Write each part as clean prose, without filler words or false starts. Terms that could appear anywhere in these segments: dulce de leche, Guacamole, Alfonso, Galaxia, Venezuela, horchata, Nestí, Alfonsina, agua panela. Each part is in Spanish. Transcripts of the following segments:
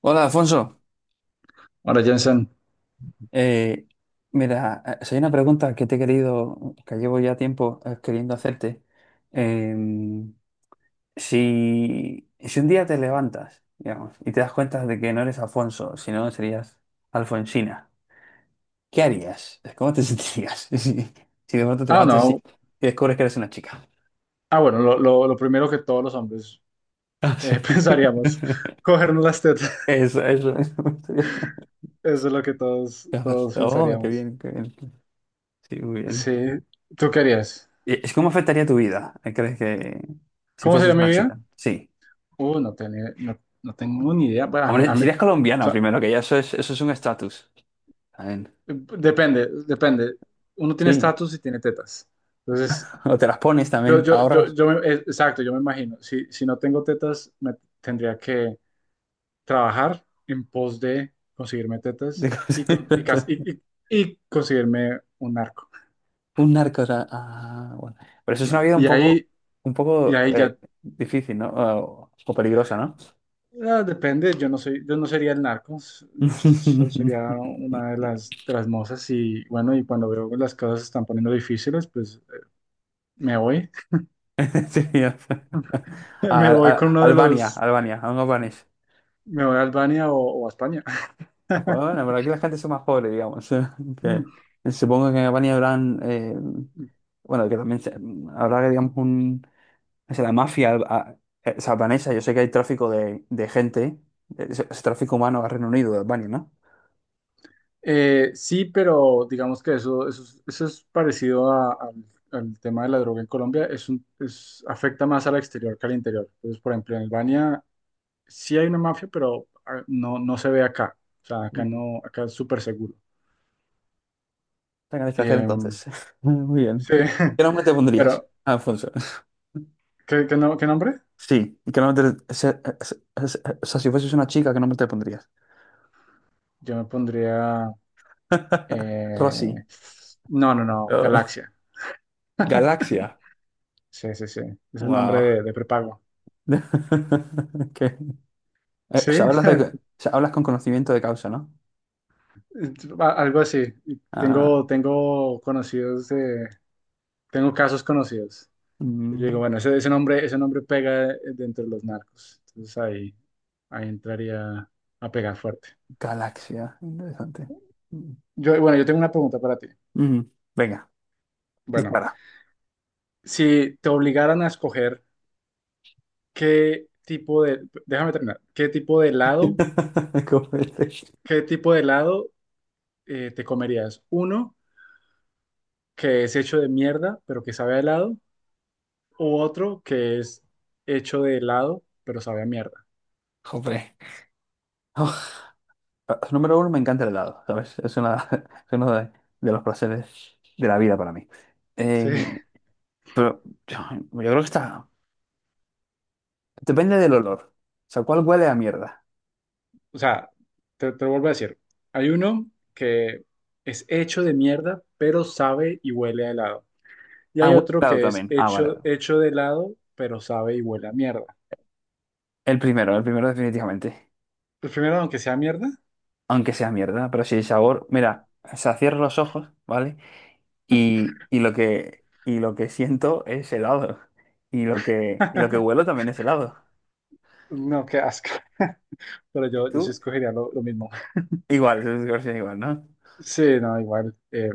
Hola, Alfonso. Ahora, Jensen. Eh, Mira, si hay una pregunta que te he querido, que llevo ya tiempo queriendo hacerte. Em, si un día te levantas, digamos, y te das cuenta de que no eres Alfonso, sino serías Alfonsina, ¿qué harías? ¿Cómo te sentirías si de pronto te Ah, levantas y, no, y descubres que eres una chica? ah, Bueno, lo primero que todos los hombres Ah, sí. Pensaríamos, cogernos las tetas, Eso, eso, eso. eso es lo que todos Oh, qué pensaríamos. bien, qué bien. Sí, muy Sí, bien. ¿tú querías? ¿Cómo afectaría tu vida? ¿Crees que si ¿Cómo sería fueses mi una vida? chica? Sí. No, no tengo ni idea. Bueno, a Hombre, mí- serías o colombiana sea, primero, que ya eso es un estatus. También. depende, depende, uno tiene Sí. estatus y tiene tetas. Entonces, O te las pones también, ahorras. Exacto, yo me imagino, si no tengo tetas, me tendría que trabajar en pos de conseguirme De tetas cosas. Y conseguirme un narco. Un narco. O sea, ah, bueno. Pero eso es una Claro. vida un Y poco, ahí, un y poco ahí eh, ya difícil, ¿no? O peligrosa, ¿no? Depende. Yo no sería el narco. Sería una de de las mozas y bueno, y cuando veo que las cosas se están poniendo difíciles, pues me voy, Sí, o sea, me voy con uno de Albania, un albanés. me voy a Albania o a España. Ah, bueno, pero aquí la gente es más pobre, digamos. Que, supongo que en Albania habrán, bueno, que también habrá, digamos, o sea, la mafia o sea, albanesa. Yo sé que hay tráfico de gente, es tráfico humano al Reino Unido, de Albania, ¿no? Sí, pero digamos que eso es parecido al tema de la droga en Colombia. Afecta más al exterior que al interior. Entonces, por ejemplo, en Albania sí hay una mafia, pero no, no se ve acá. O sea, acá Ujú. no, acá es súper seguro. Está en el extranjero, Eh, entonces. Muy bien. sí, ¿Y qué nombre te pondrías, pero Alfonso? ¿qué, qué no- ¿qué nombre? Sí, ¿y qué nombre o sea, si fueses una chica, ¿qué nombre te pondrías? Yo me pondría... eh, Rosy. no, no, no, Oh, Galaxia. Galaxia. Sí, sí, sí. Es un nombre Wow. De prepago. Ok. O Sí. sea, hablas o sea, hablas con conocimiento de causa, ¿no? Algo así. Ah, Tengo, tengo conocidos de, tengo casos conocidos. Y yo digo, mm, bueno, ese nombre pega dentro de los narcos. Entonces ahí entraría a pegar fuerte. galaxia, interesante. Mm, Yo, bueno, yo tengo una pregunta para ti. mm, Venga, Bueno, dispara. si te obligaran a escoger qué tipo de, déjame terminar, qué tipo de helado, ¿Cómo es? qué tipo de helado te comerías. Uno que es hecho de mierda, pero que sabe a helado, o otro que es hecho de helado, pero sabe a mierda. Joder. Oh, número uno, me encanta el helado, ¿sabes? Es una, es uno de los placeres de la vida para mí. Sí, Eh, pero yo, yo creo que está... Depende del olor. O sea, ¿cuál huele a mierda? o sea, te lo vuelvo a decir. Hay uno que es hecho de mierda, pero sabe y huele a helado. Y Ah, hay huele otro a helado que es también. Ah, vale, vale. hecho de helado, pero sabe y huele a mierda. El primero definitivamente. El primero, aunque sea mierda. Aunque sea mierda, pero si el sabor, mira, o sea, cierro los ojos, ¿vale? Y lo que siento es helado. Y lo que huelo también es helado. No, qué asco. Pero ¿Y yo sí tú? escogería lo mismo. Igual, es versión igual, ¿no? Sí, no, igual.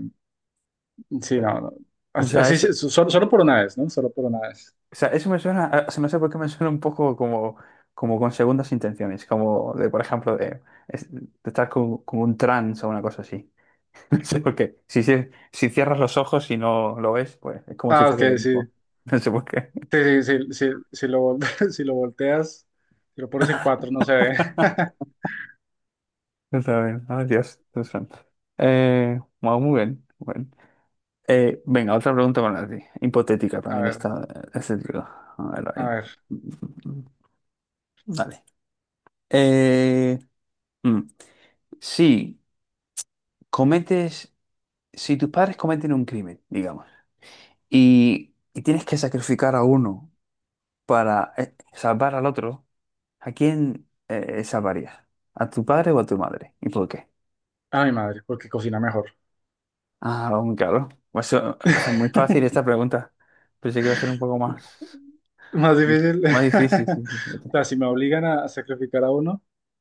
Sí, no, no. O sea, Así eso, sí, solo por una vez, ¿no? Solo por una vez. o sea, eso me suena, o sea, no sé por qué me suena un poco como con segundas intenciones, como de, por ejemplo, de estar como un trance o una cosa así. No sé por qué. Si cierras los ojos y no lo ves, pues es como si Ah, ok, fuese lo sí. mismo. No sé por qué. Sí, sí, sí, sí, si lo volteas, si lo pones en cuatro, no se ve. Yo también. Ay, Dios, Dios santo. Wow, muy bien. Muy bien. Venga, otra pregunta para ti. Hipotética A también ver, está. Este tipo. A ver, a a ver. ver. Dale. Eh, mm, si cometes, si tus padres cometen un crimen, digamos, y tienes que sacrificar a uno para salvar al otro, ¿a quién salvarías? ¿A tu padre o a tu madre? ¿Y por qué? A mi madre, porque cocina mejor. Ah, aún claro. Pues eso es muy fácil esta pregunta. Pensé que iba a ser un poco más, Más difícil. más difícil. Sí, sí, sí. O sea, si me obligan a sacrificar a uno,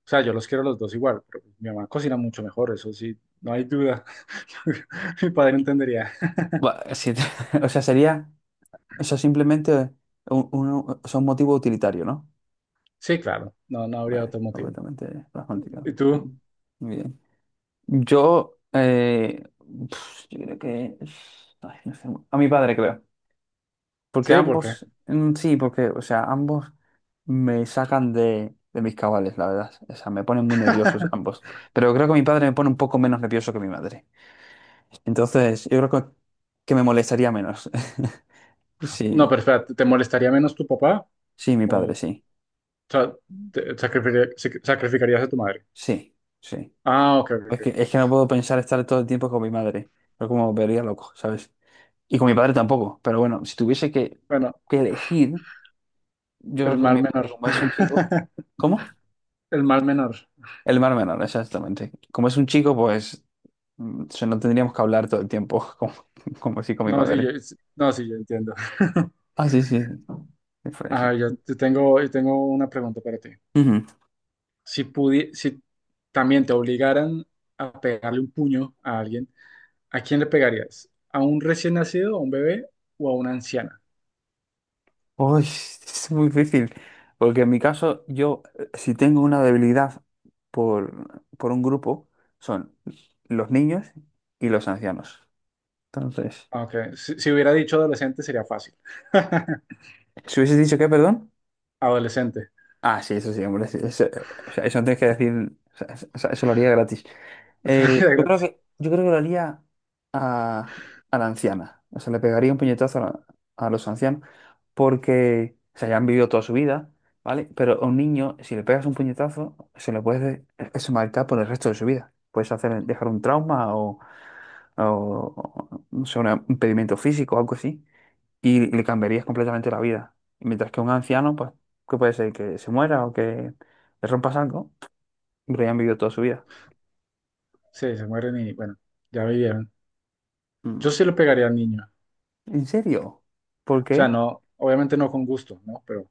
o sea, yo los quiero a los dos igual, pero mi mamá cocina mucho mejor, eso sí, no hay duda. Mi padre entendería. Bueno, sí, o sea, sería, o sea, simplemente o sea, un motivo utilitario, ¿no? Sí, claro, no, no habría Vale, otro motivo. completamente pragmático. ¿Y tú? Muy bien. Yo, eh, yo creo que, ay, no sé, a mi padre creo. Porque Sí, ¿por qué? ambos, sí, porque, o sea, ambos me sacan de mis cabales, la verdad. O sea, me ponen muy nerviosos ambos. Pero creo que mi padre me pone un poco menos nervioso que mi madre. Entonces, yo creo que me molestaría menos. No, Sí, pero espera, ¿te molestaría menos tu papá? sí, mi padre, ¿O sí. sa- te- sacrificaría- sac- sacrificarías a tu madre? Sí, sí. Ah, ok, ok, Es ok, que, ok. es que no puedo pensar estar todo el tiempo con mi madre. Pero como me vería loco, ¿sabes? Y con mi padre tampoco. Pero bueno, si tuviese que, Bueno, que elegir, yo creo el que con mal mi padre, menor. como es un chico. ¿Cómo? El mal menor. El mar menor, exactamente. Como es un chico, pues no tendríamos que hablar todo el tiempo, como así con mi No, sí, yo, madre. sí, no, sí, yo entiendo. Ah, sí, sí. Diferencia. Yo tengo una pregunta para ti. Ujú. Si también te obligaran a pegarle un puño a alguien, ¿a quién le pegarías? ¿A un recién nacido, a un bebé o a una anciana? Uy, es muy difícil, porque en mi caso, si tengo una debilidad por un grupo, son los niños y los ancianos. Entonces, Aunque si, si hubiera dicho adolescente sería fácil. ¿si hubieses dicho qué? Perdón. Adolescente. Ah, sí, eso sí, hombre. Sí, eso, o sea, eso no tienes que decir. O sea, eso, o sea, eso lo haría gratis. Eh, yo creo que, yo creo que lo haría a, a la anciana. O sea, le pegaría un puñetazo a los ancianos porque, o sea, ya han vivido toda su vida, ¿vale? Pero a un niño, si le pegas un puñetazo, se le puede eso marcar por el resto de su vida. Puedes hacer, dejar un trauma o, no sé, un impedimento físico o algo así y le cambiarías completamente la vida. Mientras que un anciano, pues, ¿qué puede ser? Que se muera o que le rompa algo, pero ya han vivido toda su vida. Sí, se mueren y bueno, ya vivieron. Yo Mm. sí le pegaría al niño. ¿En serio? ¿Por O sea, qué? no, obviamente no con gusto, ¿no?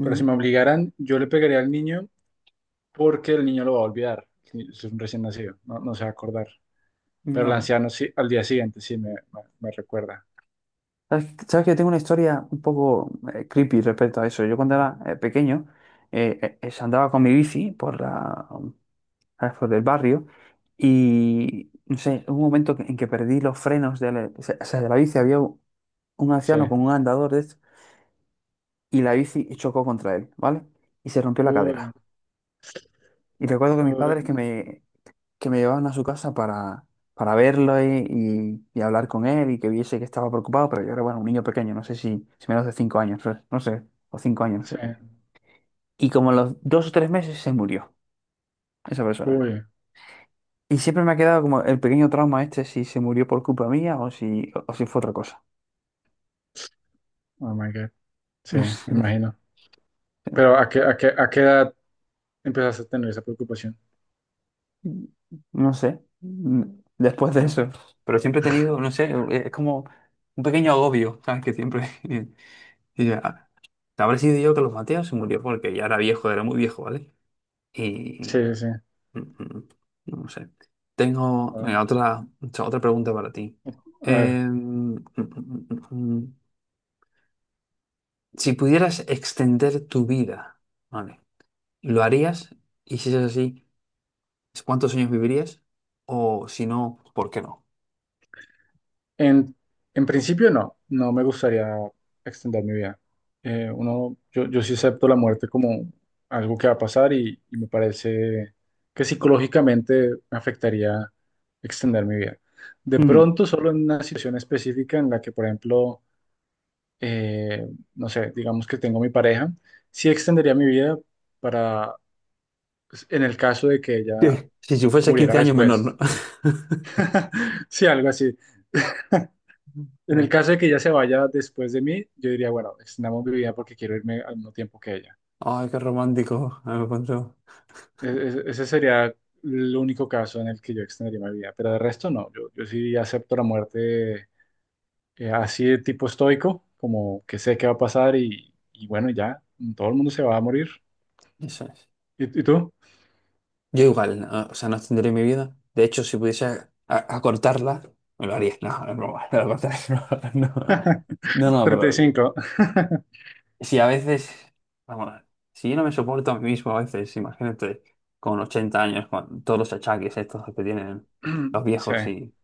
Pero si me obligaran, yo le pegaría al niño porque el niño lo va a olvidar. Si, si es un recién nacido, no, no se va a acordar. Pero el No. anciano sí, al día siguiente sí me recuerda. ¿Sabes que yo tengo una historia un poco creepy respecto a eso? Yo cuando era pequeño andaba con mi bici ¿sabes? Por el barrio y, no sé, hubo un momento en que perdí los frenos o sea, de la bici. Había un Sí. anciano con un andador de estos y la bici chocó contra él, ¿vale? Y se rompió la Uy, cadera. Y recuerdo que mis padres uy, que me llevaban a su casa para verlo y hablar con él y que viese que estaba preocupado, pero yo era, bueno, un niño pequeño, no sé si menos de 5 años, no sé, o 5 años, no sí. sé. Y como a los 2 o 3 meses se murió esa persona. Uy, Y siempre me ha quedado como el pequeño trauma este, si se murió por culpa mía o si fue otra cosa. oh my God. Sí, me imagino. No sé. Pero ¿a qué edad empezaste a tener esa preocupación? No sé, después de eso. Pero siempre he tenido, no sé, es como un pequeño agobio, ¿sabes? Que siempre... Y ya, habré sido yo que los Mateos se murió porque ya era viejo, era muy viejo, ¿vale? Y... Sí, sí, sí. mm, mm, No sé. Tengo Wow. venga, otra pregunta para ti. A ver, Eh, mm, mm, mm, mm, mm, mm. Si pudieras extender tu vida, ¿vale? ¿Lo harías? Y si es así, ¿cuántos años vivirías? O si no, ¿por qué no? En, en principio no, no me gustaría extender mi vida. Uno, yo sí acepto la muerte como algo que va a pasar, y me parece que psicológicamente me afectaría extender mi vida. De pronto, solo en una situación específica en la que, por ejemplo, eh, no sé, digamos que tengo mi pareja, sí extendería mi vida para, pues, en el caso de que Sí, ella sí, si fuese 15 muriera años menor, ¿no? después. Sí, algo así. En el No. caso de que ella se vaya después de mí, yo diría, bueno, extendamos mi vida porque quiero irme al mismo tiempo que ella. Ay, qué romántico. Ah, me cuento. E- Ese sería el único caso en el que yo extendería mi vida, pero de resto no. Yo sí acepto la muerte así de tipo estoico, como que sé qué va a pasar y bueno, ya, todo el mundo se va a morir. Eso es. Y tú? Yo igual, no, o sea, no extendería mi vida. De hecho, si pudiese acortarla, me lo haría. No, no es broma, no lo acortaré. No, no, no, no, pero 35. si a veces, vamos, si yo no me soporto a mí mismo a veces, imagínate, con 80 años, con todos los achaques estos que tienen los Sí, viejos y...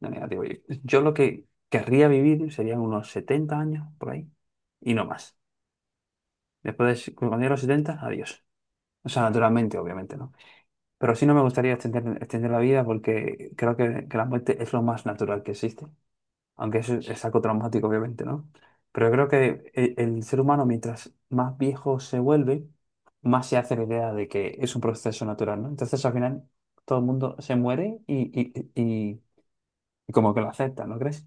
No, mira, digo, yo lo que querría vivir serían unos 70 años por ahí y no más. Después de cuando llegue a los 70, adiós. O sea, naturalmente, obviamente, ¿no? Pero sí no me gustaría extender la vida porque creo que la muerte es lo más natural que existe. Aunque eso es algo traumático, obviamente, ¿no? Pero yo creo que el ser humano, mientras más viejo se vuelve, más se hace la idea de que es un proceso natural, ¿no? Entonces, al final, todo el mundo se muere y como que lo acepta, ¿no crees?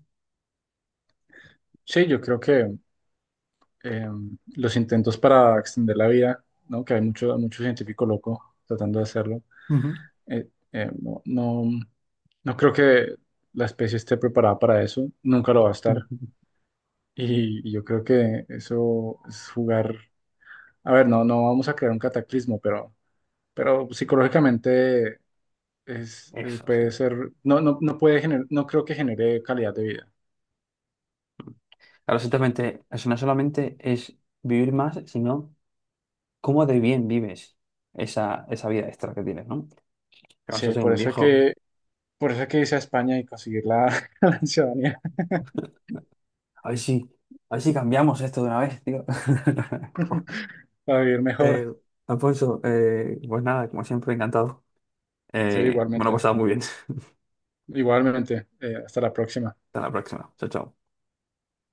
sí, yo creo que eh, los intentos para extender la vida, ¿no? Que hay mucho, mucho científico loco tratando de hacerlo. Ujú. No, no, no creo que la especie esté preparada para eso, nunca lo va a estar. Ujú. Y yo creo que eso es jugar. A ver, no, no vamos a crear un cataclismo, pero psicológicamente Eso, sí. puede ser, no puede no creo que genere calidad de vida. Claro, exactamente. Eso no solamente es vivir más, sino cómo de bien vives esa vida extra que tienes, ¿no? Que vas a Sí, ser por un eso hay que, viejo. por eso hay que irse a España y conseguir la, la ciudadanía A ver si, a ver si cambiamos esto de una vez, tío. para vivir Eh, mejor. Alfonso, pues nada, como siempre, encantado. Sí, Me lo he igualmente, pasado muy bien. igualmente. Hasta la próxima. Hasta la próxima. Chao, chao.